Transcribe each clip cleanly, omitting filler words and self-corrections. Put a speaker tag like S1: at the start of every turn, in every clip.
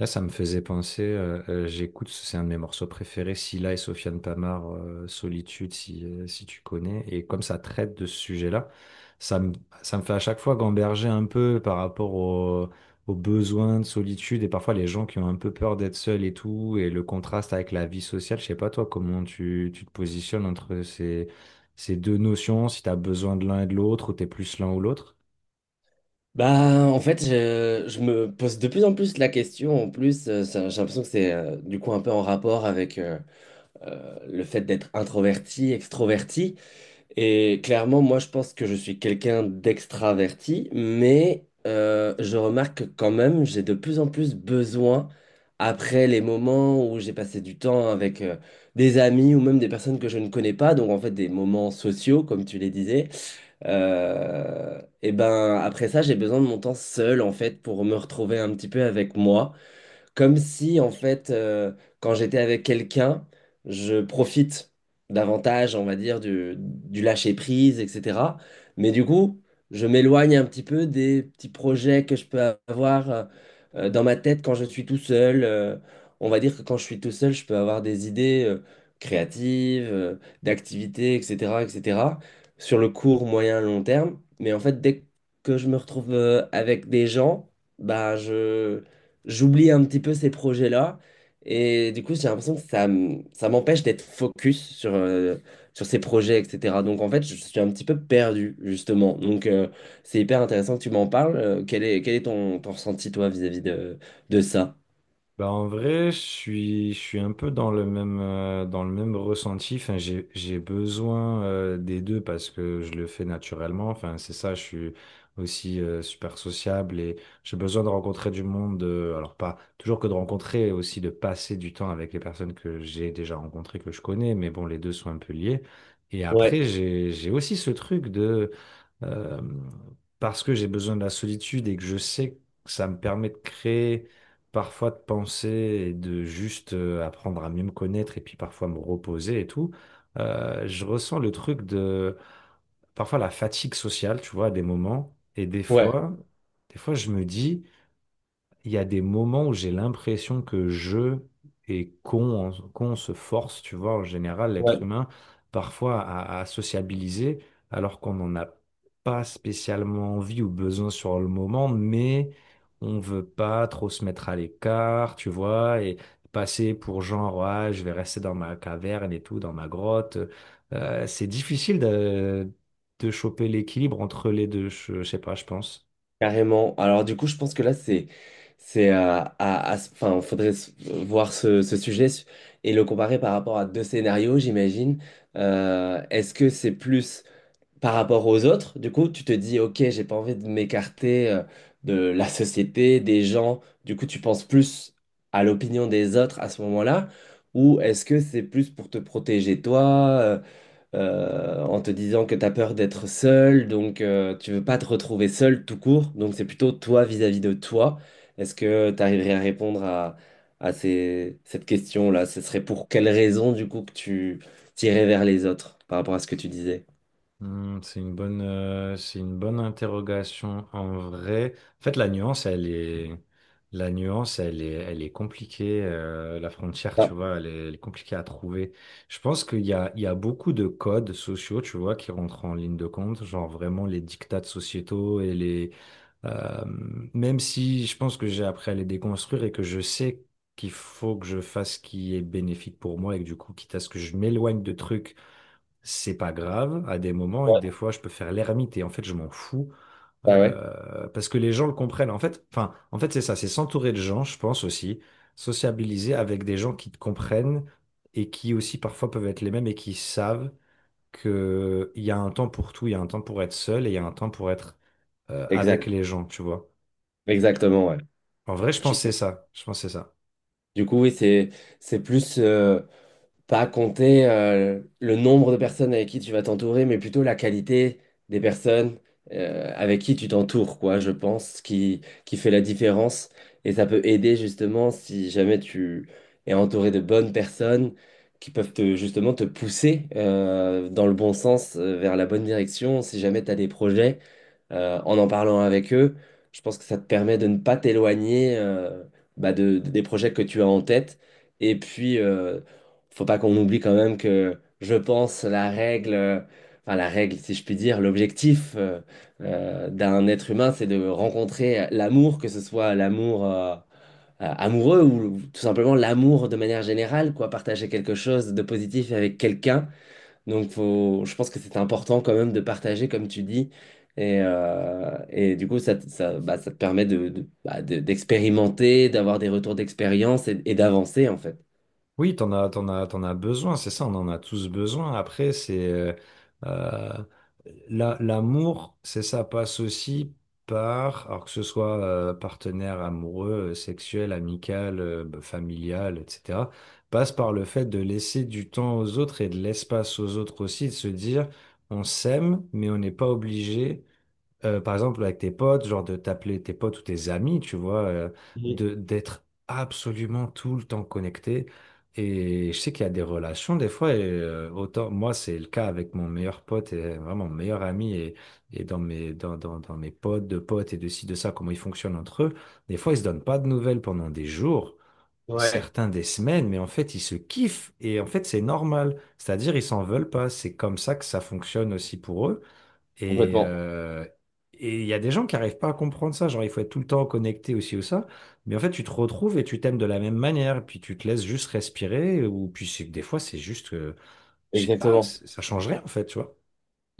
S1: Là, ça me faisait penser, j'écoute, c'est un de mes morceaux préférés, Scylla et Sofiane Pamart, Solitude, si, si tu connais. Et comme ça traite de ce sujet-là, ça me, ça me fait à chaque fois gamberger un peu par rapport aux besoins de solitude et parfois les gens qui ont un peu peur d'être seuls et tout, et le contraste avec la vie sociale. Je sais pas, toi, comment tu te positionnes entre ces deux notions, si tu as besoin de l'un et de l'autre, ou tu es plus l'un ou l'autre?
S2: Bah, en fait, je me pose de plus en plus la question. En plus, j'ai l'impression que c'est du coup un peu en rapport avec le fait d'être introverti, extroverti. Et clairement, moi, je pense que je suis quelqu'un d'extraverti, mais je remarque que quand même, j'ai de plus en plus besoin, après les moments où j'ai passé du temps avec des amis ou même des personnes que je ne connais pas, donc en fait des moments sociaux, comme tu les disais et ben après ça, j'ai besoin de mon temps seul en fait pour me retrouver un petit peu avec moi. Comme si, en fait, quand j'étais avec quelqu'un, je profite davantage, on va dire, du lâcher-prise, etc. Mais du coup, je m'éloigne un petit peu des petits projets que je peux avoir dans ma tête quand je suis tout seul. On va dire que quand je suis tout seul, je peux avoir des idées créatives, d'activités, etc., etc., sur le court, moyen, long terme. Mais en fait, dès que je me retrouve avec des gens, bah, je j'oublie un petit peu ces projets-là. Et du coup, j'ai l'impression que ça m'empêche d'être focus sur ces projets, etc. Donc, en fait, je suis un petit peu perdu, justement. Donc, c'est hyper intéressant que tu m'en parles. Quel est ton, ton ressenti, toi, vis-à-vis de ça?
S1: Bah en vrai, je suis un peu dans le même ressenti. Enfin, j'ai besoin des deux parce que je le fais naturellement. Enfin, c'est ça, je suis aussi super sociable et j'ai besoin de rencontrer du monde. Alors, pas toujours que de rencontrer, aussi de passer du temps avec les personnes que j'ai déjà rencontrées, que je connais. Mais bon, les deux sont un peu liés. Et
S2: Ouais,
S1: après, j'ai aussi ce truc de euh, parce que j'ai besoin de la solitude et que je sais que ça me permet de créer, parfois de penser et de juste apprendre à mieux me connaître et puis parfois me reposer et tout. Je ressens le truc de parfois la fatigue sociale, tu vois, à des moments. Et
S2: ouais,
S1: des fois, je me dis il y a des moments où j'ai l'impression que je et qu'on se force, tu vois, en général, l'être
S2: ouais,
S1: humain, parfois à sociabiliser, alors qu'on n'en a pas spécialement envie ou besoin sur le moment, mais on veut pas trop se mettre à l'écart, tu vois, et passer pour genre, ah, je vais rester dans ma caverne et tout, dans ma grotte. C'est difficile de choper l'équilibre entre les deux, je sais pas, je pense.
S2: carrément. Alors, du coup, je pense que là, enfin, faudrait voir ce sujet et le comparer par rapport à deux scénarios, j'imagine. Est-ce que c'est plus par rapport aux autres, du coup, tu te dis, ok, j'ai pas envie de m'écarter de la société, des gens. Du coup, tu penses plus à l'opinion des autres à ce moment-là, ou est-ce que c'est plus pour te protéger toi, en te disant que tu as peur d'être seul, donc tu veux pas te retrouver seul tout court, donc c'est plutôt toi vis-à-vis de toi. Est-ce que tu arriverais à répondre à cette question-là? Ce serait pour quelle raison, du coup, que tu tirais vers les autres par rapport à ce que tu disais?
S1: C'est une bonne interrogation en vrai. En fait, la nuance, elle est compliquée. La frontière, tu
S2: Ah,
S1: vois, elle est compliquée à trouver. Je pense qu'il y a beaucoup de codes sociaux, tu vois, qui rentrent en ligne de compte, genre vraiment les dictats sociétaux et euh, même si je pense que j'ai appris à les déconstruire et que je sais qu'il faut que je fasse ce qui est bénéfique pour moi et que du coup, quitte à ce que je m'éloigne de trucs, c'est pas grave à des moments et que
S2: ouais.
S1: des fois je peux faire l'ermite et en fait je m'en fous
S2: Bah ouais,
S1: parce que les gens le comprennent. En fait, enfin, en fait c'est ça, c'est s'entourer de gens, je pense aussi, sociabiliser avec des gens qui te comprennent et qui aussi parfois peuvent être les mêmes et qui savent que il y a un temps pour tout, il y a un temps pour être seul et il y a un temps pour être avec
S2: exact,
S1: les gens, tu vois.
S2: exactement, ouais.
S1: En vrai, je
S2: Je-
S1: pense que c'est ça. Je pense que c'est ça.
S2: Du coup, oui, c'est plus pas compter le nombre de personnes avec qui tu vas t'entourer, mais plutôt la qualité des personnes avec qui tu t'entoures, quoi, je pense, qui fait la différence. Et ça peut aider justement si jamais tu es entouré de bonnes personnes qui peuvent te, justement te pousser dans le bon sens, vers la bonne direction, si jamais tu as des projets. En parlant avec eux, je pense que ça te permet de ne pas t'éloigner bah, des projets que tu as en tête. Et puis, faut pas qu'on oublie quand même que je pense la règle, enfin la règle, si je puis dire, l'objectif d'un être humain, c'est de rencontrer l'amour, que ce soit l'amour amoureux ou tout simplement l'amour de manière générale, quoi, partager quelque chose de positif avec quelqu'un. Donc, faut, je pense que c'est important quand même de partager, comme tu dis. Et du coup, bah, ça te permet bah, d'expérimenter, d'avoir des retours d'expérience et d'avancer, en fait.
S1: Oui, t'en as besoin, c'est ça, on en a tous besoin. Après, c'est euh, l'amour, c'est ça passe aussi par, alors que ce soit partenaire amoureux, sexuel, amical, bah, familial, etc., passe par le fait de laisser du temps aux autres et de l'espace aux autres aussi, de se dire, on s'aime, mais on n'est pas obligé, par exemple, avec tes potes, genre de t'appeler tes potes ou tes amis, tu vois, de d'être absolument tout le temps connecté. Et je sais qu'il y a des relations, des fois, autant, moi, c'est le cas avec mon meilleur pote, et vraiment mon meilleur ami, et, dans mes potes, de potes, et de ci, de ça, comment ils fonctionnent entre eux. Des fois, ils se donnent pas de nouvelles pendant des jours,
S2: Ouais.
S1: certains des semaines, mais en fait, ils se kiffent, et en fait, c'est normal. C'est-à-dire, ils s'en veulent pas. C'est comme ça que ça fonctionne aussi pour eux. Et,
S2: Complètement.
S1: euh, et il y a des gens qui n'arrivent pas à comprendre ça. Genre, il faut être tout le temps connecté aussi ou ça. Mais en fait, tu te retrouves et tu t'aimes de la même manière. Puis tu te laisses juste respirer. Ou puis des fois, c'est juste que, je sais pas,
S2: Exactement.
S1: ça change rien en fait, tu vois.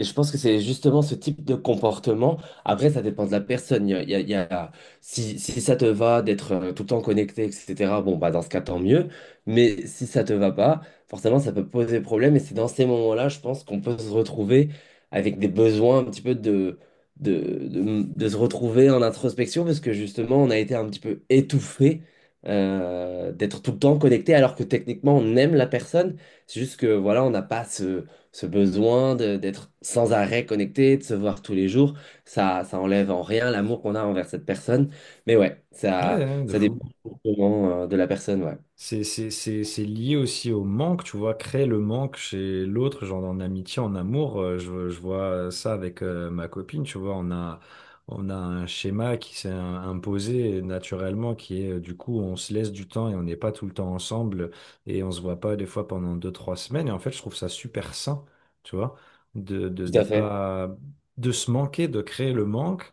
S2: Et je pense que c'est justement ce type de comportement. Après, ça dépend de la personne. Il y a, il y a- il y a- Si ça te va d'être tout le temps connecté, etc., bon, bah, dans ce cas, tant mieux. Mais si ça te va pas, forcément, ça peut poser problème. Et c'est dans ces moments-là, je pense qu'on peut se retrouver avec des besoins un petit peu de se retrouver en introspection, parce que justement, on a été un petit peu étouffé d'être tout le temps connecté, alors que techniquement, on aime la personne. C'est juste que, voilà, on n'a pas ce besoin d'être sans arrêt connecté, de se voir tous les jours, ça enlève en rien l'amour qu'on a envers cette personne. Mais ouais,
S1: Ouais,
S2: ça,
S1: ouais, de
S2: ça
S1: fou.
S2: dépend vraiment, de la personne, ouais.
S1: C'est lié aussi au manque, tu vois, créer le manque chez l'autre, genre en amitié, en amour. Je vois ça avec ma copine, tu vois, on a un schéma qui s'est imposé naturellement, qui est du coup, on se laisse du temps et on n'est pas tout le temps ensemble et on se voit pas des fois pendant deux, trois semaines. Et en fait, je trouve ça super sain, tu vois,
S2: Tout
S1: de
S2: à fait.
S1: pas, de se manquer, de créer le manque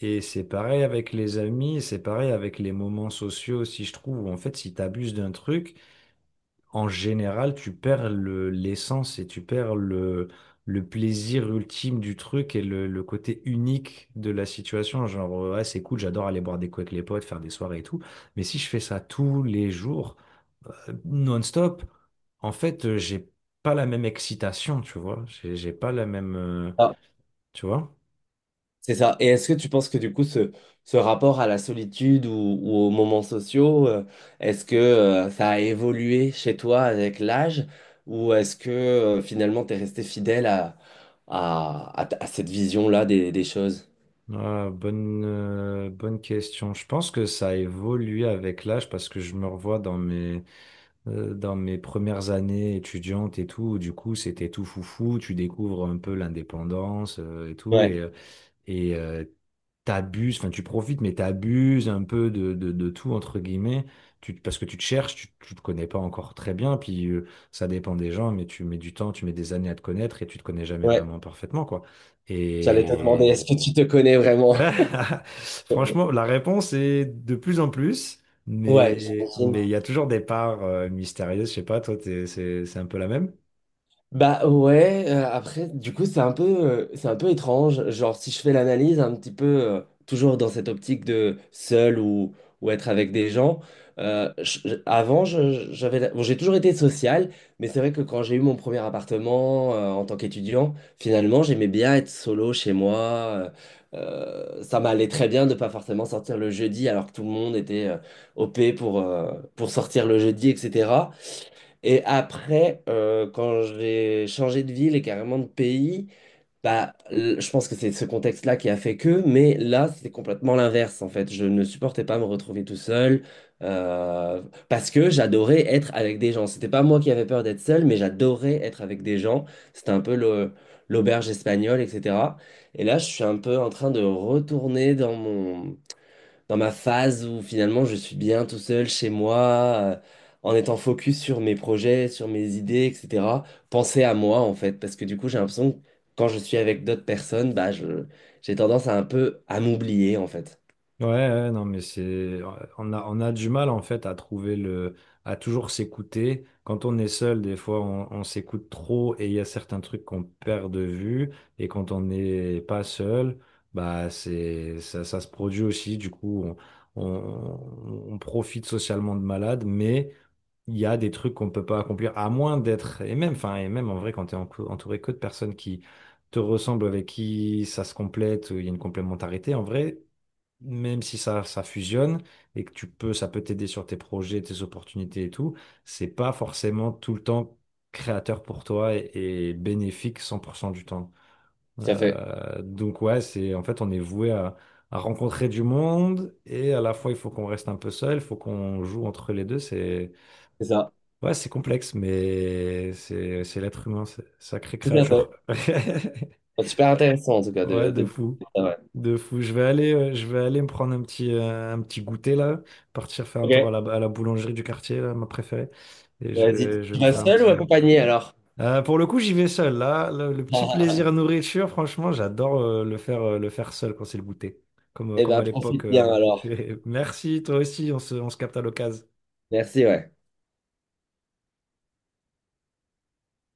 S1: et c'est pareil avec les amis, c'est pareil avec les moments sociaux aussi, je trouve, où en fait, si tu abuses d'un truc, en général, tu perds l'essence et tu perds le plaisir ultime du truc et le côté unique de la situation. Genre, ouais, c'est cool, j'adore aller boire des coups avec les potes, faire des soirées et tout. Mais si je fais ça tous les jours, non-stop, en fait, j'ai pas la même excitation, tu vois. J'ai pas la même,
S2: Ah,
S1: tu vois.
S2: c'est ça. Et est-ce que tu penses que du coup, ce rapport à la solitude ou aux moments sociaux, est-ce que, ça a évolué chez toi avec l'âge ou est-ce que, finalement, tu es resté fidèle à cette vision-là des choses?
S1: Ah, bonne question. Je pense que ça a évolué avec l'âge parce que je me revois dans mes premières années étudiantes et tout, où du coup, c'était tout foufou. Tu découvres un peu l'indépendance, et tout.
S2: Ouais,
S1: Et euh, T'abuses, enfin, tu profites, mais t'abuses un peu de tout, entre guillemets. Parce que tu te cherches, tu te connais pas encore très bien. Puis ça dépend des gens, mais tu mets du temps, tu mets des années à te connaître et tu te connais jamais
S2: ouais.
S1: vraiment parfaitement, quoi.
S2: J'allais te demander,
S1: Et.
S2: est-ce que tu te connais vraiment?
S1: Franchement, la réponse est de plus en plus,
S2: Ouais,
S1: mais
S2: j'imagine.
S1: mais il y a toujours des parts mystérieuses. Je sais pas, toi, c'est un peu la même?
S2: Bah ouais, après, du coup, c'est un peu étrange. Genre, si je fais l'analyse un petit peu, toujours dans cette optique de seul ou être avec des gens, je- avant, je- j'avais, la- bon, j'ai toujours été social, mais c'est vrai que quand j'ai eu mon premier appartement, en tant qu'étudiant, finalement, j'aimais bien être solo chez moi. Ça m'allait très bien de pas forcément sortir le jeudi alors que tout le monde était, OP pour, pour sortir le jeudi, etc. Et après, quand j'ai changé de ville et carrément de pays, bah, je pense que c'est ce contexte-là qui a fait que, mais là, c'était complètement l'inverse, en fait. Je ne supportais pas me retrouver tout seul, euh, parce que j'adorais être avec des gens. C'était pas moi qui avais peur d'être seul, mais j'adorais être avec des gens. C'était un peu l'auberge espagnole, etc. Et là, je suis un peu en train de retourner dans ma phase où finalement je suis bien tout seul chez moi, euh, en étant focus sur mes projets, sur mes idées, etc. Penser à moi en fait, parce que du coup j'ai l'impression que quand je suis avec d'autres personnes, bah je j'ai tendance à un peu à m'oublier en fait.
S1: Ouais, ouais, non, mais on a du mal en fait à trouver à toujours s'écouter. Quand on est seul, des fois, on s'écoute trop et il y a certains trucs qu'on perd de vue. Et quand on n'est pas seul, bah ça se produit aussi. Du coup, on profite socialement de malade, mais il y a des trucs qu'on ne peut pas accomplir, à moins d'être, et même en vrai, quand tu es entouré que de personnes qui te ressemblent, avec qui ça se complète, où il y a une complémentarité, en vrai, même si ça fusionne et que ça peut t'aider sur tes projets, tes opportunités et tout, c'est pas forcément tout le temps créateur pour toi et bénéfique 100% du temps.
S2: Tout à fait,
S1: Donc ouais, c'est, en fait, on est voué à rencontrer du monde et à la fois il faut qu'on reste un peu seul, il faut qu'on joue entre les deux, c'est
S2: c'est ça.
S1: ouais, c'est complexe, mais c'est l'être humain, sacrée
S2: Tout à fait.
S1: créature.
S2: C'est super intéressant en tout cas
S1: Ouais,
S2: de,
S1: de
S2: de...
S1: fou.
S2: Ah ouais.
S1: De fou. Je vais aller me prendre un petit goûter là, partir faire un
S2: Ok,
S1: tour à la boulangerie du quartier, là, ma préférée. Et je
S2: vas-y.
S1: vais, je
S2: Tu
S1: vais me
S2: vas
S1: faire un
S2: seul ou
S1: petit.
S2: accompagné alors?
S1: Pour le coup, j'y vais seul. Là, le petit plaisir nourriture, franchement, j'adore le faire seul quand c'est le goûter.
S2: Eh
S1: Comme
S2: ben
S1: à l'époque.
S2: profite bien alors.
S1: Merci, toi aussi, on se capte à l'occasion.
S2: Merci, ouais.